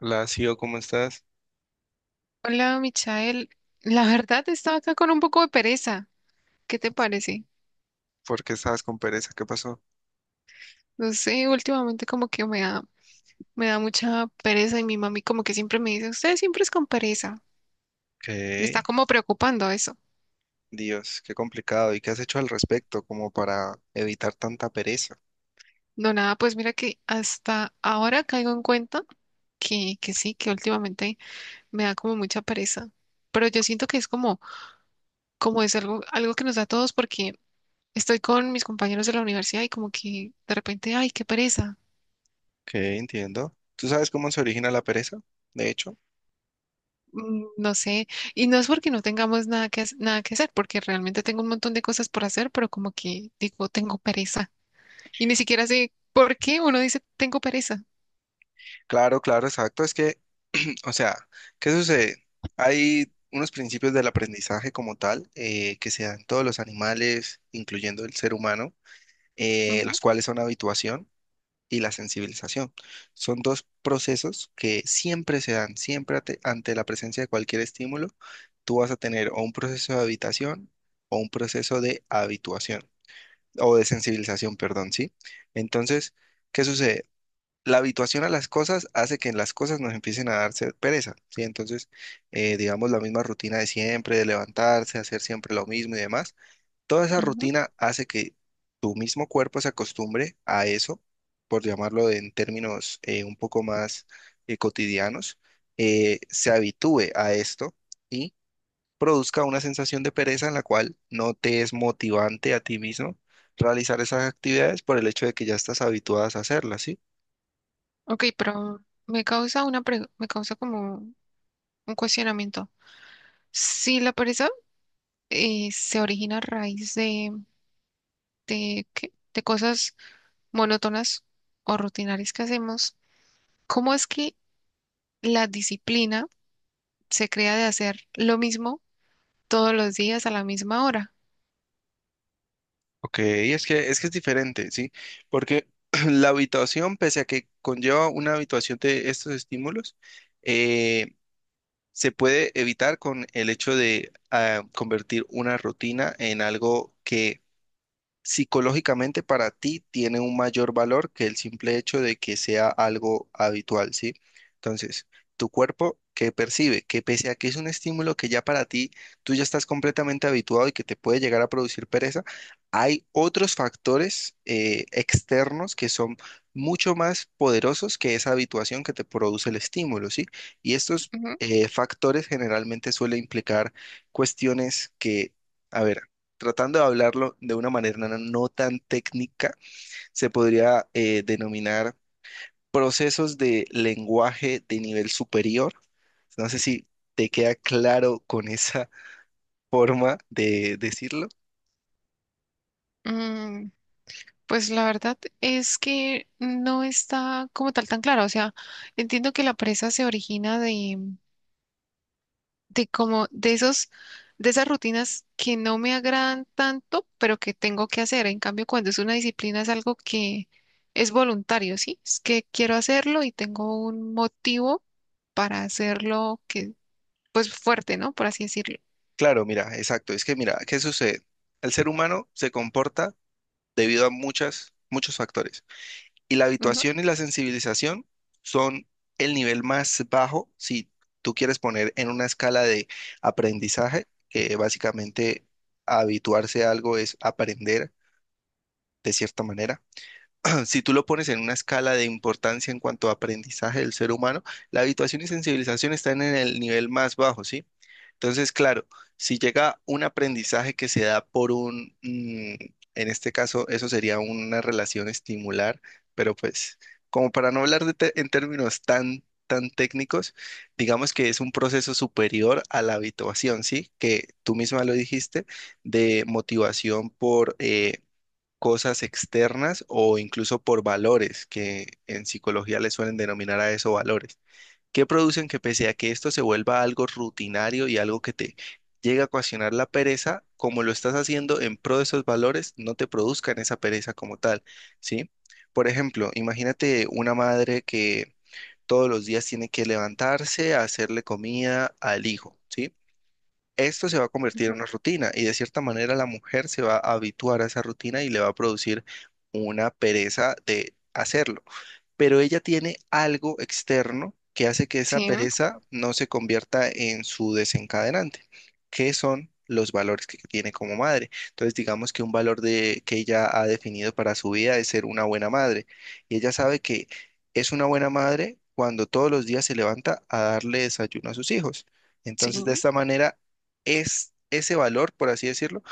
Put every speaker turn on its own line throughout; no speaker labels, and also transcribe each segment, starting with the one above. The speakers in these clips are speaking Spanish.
Hola, Sio, ¿cómo estás?
Hola, Michael. La verdad, estaba acá con un poco de pereza. ¿Qué te parece?
¿Por qué estabas con pereza? ¿Qué pasó?
No sé, últimamente como que me da mucha pereza y mi mami como que siempre me dice, usted siempre es con pereza. Me está
¿Qué?
como preocupando eso.
Dios, qué complicado. ¿Y qué has hecho al respecto como para evitar tanta pereza?
No, nada, pues mira que hasta ahora caigo en cuenta que sí, que últimamente me da como mucha pereza. Pero yo siento que es como, como es algo que nos da a todos porque estoy con mis compañeros de la universidad y como que de repente, ay, qué pereza.
¿Qué? Entiendo. ¿Tú sabes cómo se origina la pereza? De hecho.
No sé, y no es porque no tengamos nada nada que hacer, porque realmente tengo un montón de cosas por hacer, pero como que digo, tengo pereza. Y ni siquiera sé por qué uno dice, tengo pereza.
Claro, claro, exacto. Es que, o sea, ¿qué sucede? Hay unos principios del aprendizaje como tal que se dan todos los animales, incluyendo el ser humano,
Ujú,
los cuales son habituación y la sensibilización. Son dos procesos que siempre se dan, siempre ante la presencia de cualquier estímulo, tú vas a tener o un proceso de habitación o un proceso de habituación o de sensibilización, perdón, ¿sí? Entonces, ¿qué sucede? La habituación a las cosas hace que las cosas nos empiecen a darse pereza, ¿sí? Entonces, digamos, la misma rutina de siempre, de levantarse, hacer siempre lo mismo y demás. Toda esa
ujú.
rutina hace que tu mismo cuerpo se acostumbre a eso, por llamarlo en términos un poco más cotidianos, se habitúe a esto y produzca una sensación de pereza en la cual no te es motivante a ti mismo realizar esas actividades por el hecho de que ya estás habituadas a hacerlas, ¿sí?
Ok, pero me causa como un cuestionamiento. Si la pereza se origina a raíz de ¿qué? De cosas monótonas o rutinarias que hacemos, ¿cómo es que la disciplina se crea de hacer lo mismo todos los días a la misma hora?
Ok, es que es diferente, ¿sí? Porque la habituación, pese a que conlleva una habituación de estos estímulos, eh, se puede evitar con el hecho de convertir una rutina en algo que psicológicamente para ti tiene un mayor valor que el simple hecho de que sea algo habitual, ¿sí? Entonces, tu cuerpo que percibe que pese a que es un estímulo que ya para ti tú ya estás completamente habituado y que te puede llegar a producir pereza, hay otros factores externos que son mucho más poderosos que esa habituación que te produce el estímulo, ¿sí? Y estos
Ujú.
factores generalmente suelen implicar cuestiones que, a ver, tratando de hablarlo de una manera no tan técnica, se podría denominar procesos de lenguaje de nivel superior. No sé si te queda claro con esa forma de decirlo.
Mm, pues la verdad es que no está como tal tan claro. O sea, entiendo que la presa se origina de como de esas rutinas que no me agradan tanto, pero que tengo que hacer. En cambio, cuando es una disciplina es algo que es voluntario, ¿sí? Es que quiero hacerlo y tengo un motivo para hacerlo que, pues fuerte, ¿no? Por así decirlo.
Claro, mira, exacto. Es que mira, ¿qué sucede? El ser humano se comporta debido a muchas, muchos factores. Y la
Ujú,
habituación y la sensibilización son el nivel más bajo si tú quieres poner en una escala de aprendizaje, que básicamente habituarse a algo es aprender de cierta manera. Si tú lo pones en una escala de importancia en cuanto a aprendizaje del ser humano, la habituación y sensibilización están en el nivel más bajo, ¿sí? Entonces, claro, si llega un aprendizaje que se da por un, en este caso, eso sería una relación estimular, pero pues, como para no hablar de en términos tan, tan técnicos, digamos que es un proceso superior a la habituación, ¿sí? Que tú misma lo dijiste, de motivación por cosas externas o incluso por valores, que en psicología le suelen denominar a eso valores que producen que pese a que esto se vuelva algo rutinario y algo que te llega a ocasionar la pereza, como lo estás haciendo en pro de esos valores, no te produzcan esa pereza como tal, ¿sí? Por ejemplo, imagínate una madre que todos los días tiene que levantarse a hacerle comida al hijo, ¿sí? Esto se va a convertir en
ujú.
una rutina y de cierta manera la mujer se va a habituar a esa rutina y le va a producir una pereza de hacerlo, pero ella tiene algo externo que hace que esa
Sí,
pereza no se convierta en su desencadenante, que son los valores que tiene como madre. Entonces, digamos que un valor de, que ella ha definido para su vida es ser una buena madre, y ella sabe que es una buena madre cuando todos los días se levanta a darle desayuno a sus hijos.
sí.
Entonces, de esta manera, es ese valor, por así decirlo,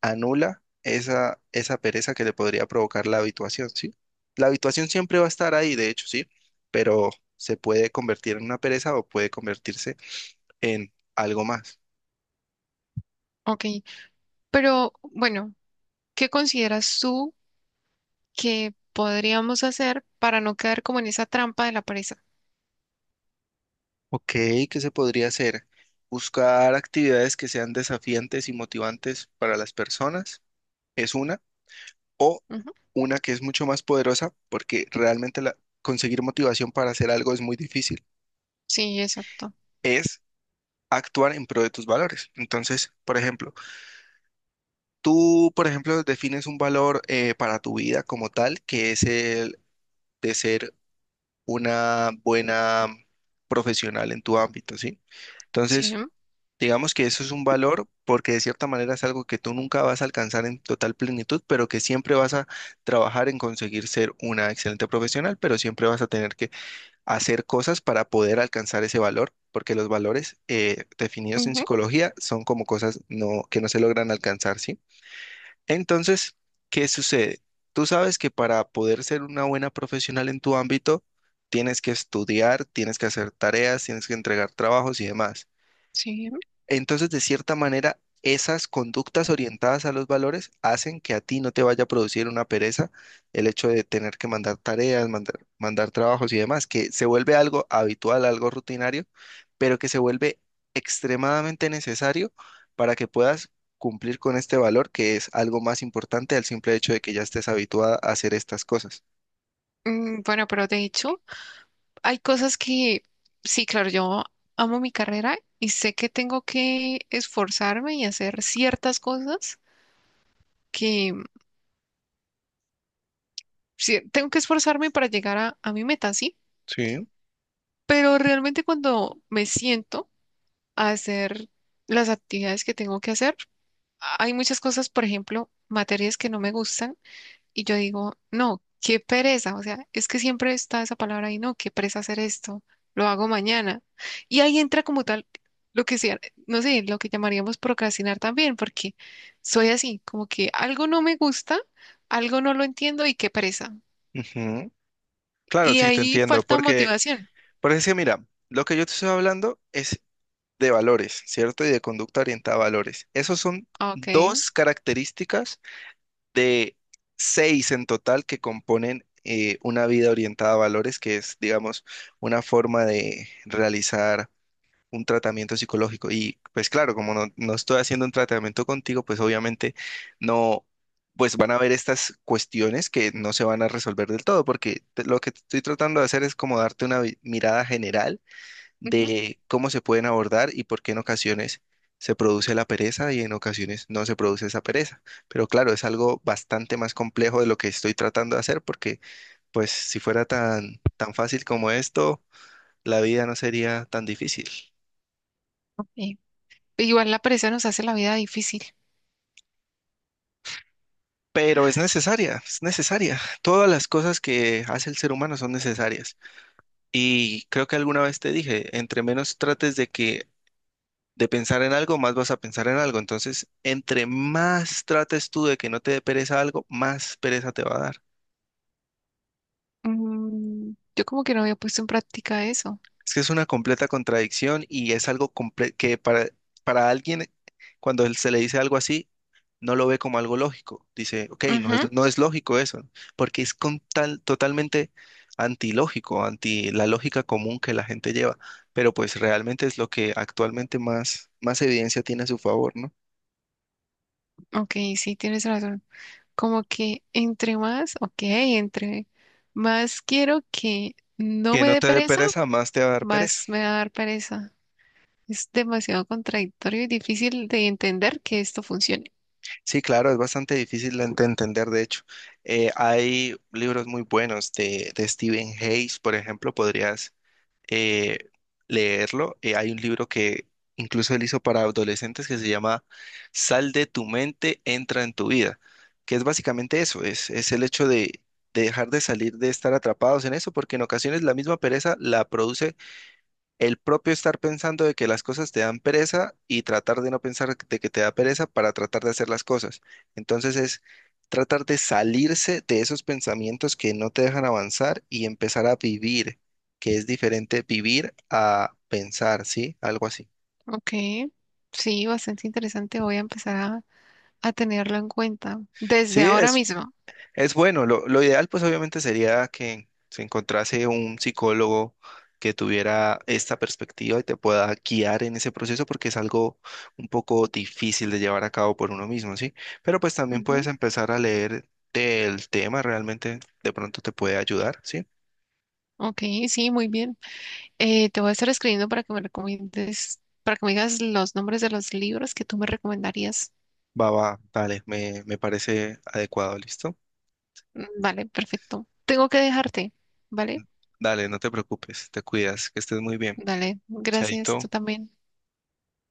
anula esa pereza que le podría provocar la habituación, ¿sí? La habituación siempre va a estar ahí, de hecho, ¿sí? Pero se puede convertir en una pereza o puede convertirse en algo más.
Ok, pero bueno, ¿qué consideras tú que podríamos hacer para no quedar como en esa trampa de la pereza?
Ok, ¿qué se podría hacer? Buscar actividades que sean desafiantes y motivantes para las personas es una, o
Ujú,
una que es mucho más poderosa, porque realmente conseguir motivación para hacer algo es muy difícil,
sí, exacto.
es actuar en pro de tus valores. Entonces, por ejemplo, tú, por ejemplo, defines un valor para tu vida como tal, que es el de ser una buena profesional en tu ámbito, ¿sí?
Sí,
Entonces, digamos que eso es un valor porque de cierta manera es algo que tú nunca vas a alcanzar en total plenitud, pero que siempre vas a trabajar en conseguir ser una excelente profesional, pero siempre vas a tener que hacer cosas para poder alcanzar ese valor, porque los valores definidos en
ujú,
psicología son como cosas no, que no se logran alcanzar, ¿sí? Entonces, ¿qué sucede? Tú sabes que para poder ser una buena profesional en tu ámbito, tienes que estudiar, tienes que hacer tareas, tienes que entregar trabajos y demás.
sí.
Entonces, de cierta manera, esas conductas orientadas a los valores hacen que a ti no te vaya a producir una pereza el hecho de tener que mandar tareas, mandar trabajos y demás, que se vuelve algo habitual, algo rutinario, pero que se vuelve extremadamente necesario para que puedas cumplir con este valor, que es algo más importante al simple hecho de que ya estés habituada a hacer estas cosas.
Mm, bueno, pero de hecho, hay cosas que, sí, claro, yo amo mi carrera y sé que tengo que esforzarme y hacer ciertas cosas que sí, tengo que esforzarme para llegar a mi meta, sí.
Sí,
Pero realmente cuando me siento a hacer las actividades que tengo que hacer, hay muchas cosas, por ejemplo, materias que no me gustan y yo digo, no, qué pereza, o sea, es que siempre está esa palabra ahí, no, qué pereza hacer esto, lo hago mañana. Y ahí entra como tal lo que sea, no sé, lo que llamaríamos procrastinar también, porque soy así, como que algo no me gusta, algo no lo entiendo y qué pereza.
ujú. Claro,
Y
sí, te
ahí
entiendo,
falta
porque,
motivación.
porque es que mira, lo que yo te estoy hablando es de valores, ¿cierto? Y de conducta orientada a valores. Esos son
Ah, ok.
dos características de seis en total que componen una vida orientada a valores, que es, digamos, una forma de realizar un tratamiento psicológico. Y pues claro, como no estoy haciendo un tratamiento contigo, pues obviamente no. Pues van a haber estas cuestiones que no se van a resolver del todo, porque lo que estoy tratando de hacer es como darte una mirada general
Ujú,
de cómo se pueden abordar y por qué en ocasiones se produce la pereza y en ocasiones no se produce esa pereza. Pero claro, es algo bastante más complejo de lo que estoy tratando de hacer porque pues si fuera tan, tan fácil como esto, la vida no sería tan difícil.
ok. Igual la pereza nos hace la vida difícil.
Pero es necesaria, es necesaria. Todas las cosas que hace el ser humano son necesarias. Y creo que alguna vez te dije, entre menos trates de pensar en algo, más vas a pensar en algo. Entonces, entre más trates tú de que no te dé pereza algo, más pereza te va a dar.
Mm, yo como que no había puesto en práctica eso.
Es que es una completa contradicción y es algo que para alguien, cuando él se le dice algo así, no lo ve como algo lógico. Dice, ok,
Ujú.
no es lógico eso, porque es con tal, totalmente antilógico, anti la lógica común que la gente lleva. Pero pues realmente es lo que actualmente más evidencia tiene a su favor, ¿no?
Ok, sí, tienes razón. Como que entre más, ok, entre más quiero que no
Que
me
no
dé
te dé
pereza,
pereza, más te va a dar pereza.
más me va a dar pereza. Es demasiado contradictorio y difícil de entender que esto funcione.
Sí, claro, es bastante difícil de entender, de hecho. Hay libros muy buenos de Stephen Hayes, por ejemplo, podrías eh, leerlo. Hay un libro que incluso él hizo para adolescentes que se llama Sal de tu mente, entra en tu vida, que es básicamente eso, es el hecho de dejar de salir, de estar atrapados en eso, porque en ocasiones la misma pereza la produce el propio estar pensando de que las cosas te dan pereza y tratar de no pensar de que te da pereza para tratar de hacer las cosas. Entonces es tratar de salirse de esos pensamientos que no te dejan avanzar y empezar a vivir, que es diferente vivir a pensar, ¿sí? Algo así.
Ok, sí, bastante interesante. Voy a empezar a tenerlo en cuenta desde
Sí,
ahora
es
mismo.
Es bueno, lo ideal pues obviamente sería que se encontrase un psicólogo que tuviera esta perspectiva y te pueda guiar en ese proceso porque es algo un poco difícil de llevar a cabo por uno mismo, ¿sí? Pero pues también puedes
Ujú.
empezar a leer del tema, realmente de pronto te puede ayudar, ¿sí?
Ok, sí, muy bien. Te voy a estar escribiendo para que me recomiendes, para que me digas los nombres de los libros que tú me recomendarías.
Va, va, dale, me parece adecuado, ¿listo?
Vale, perfecto. Tengo que dejarte, ¿vale?
Dale, no te preocupes, te cuidas, que estés muy bien.
Dale, gracias,
Chaito.
tú también.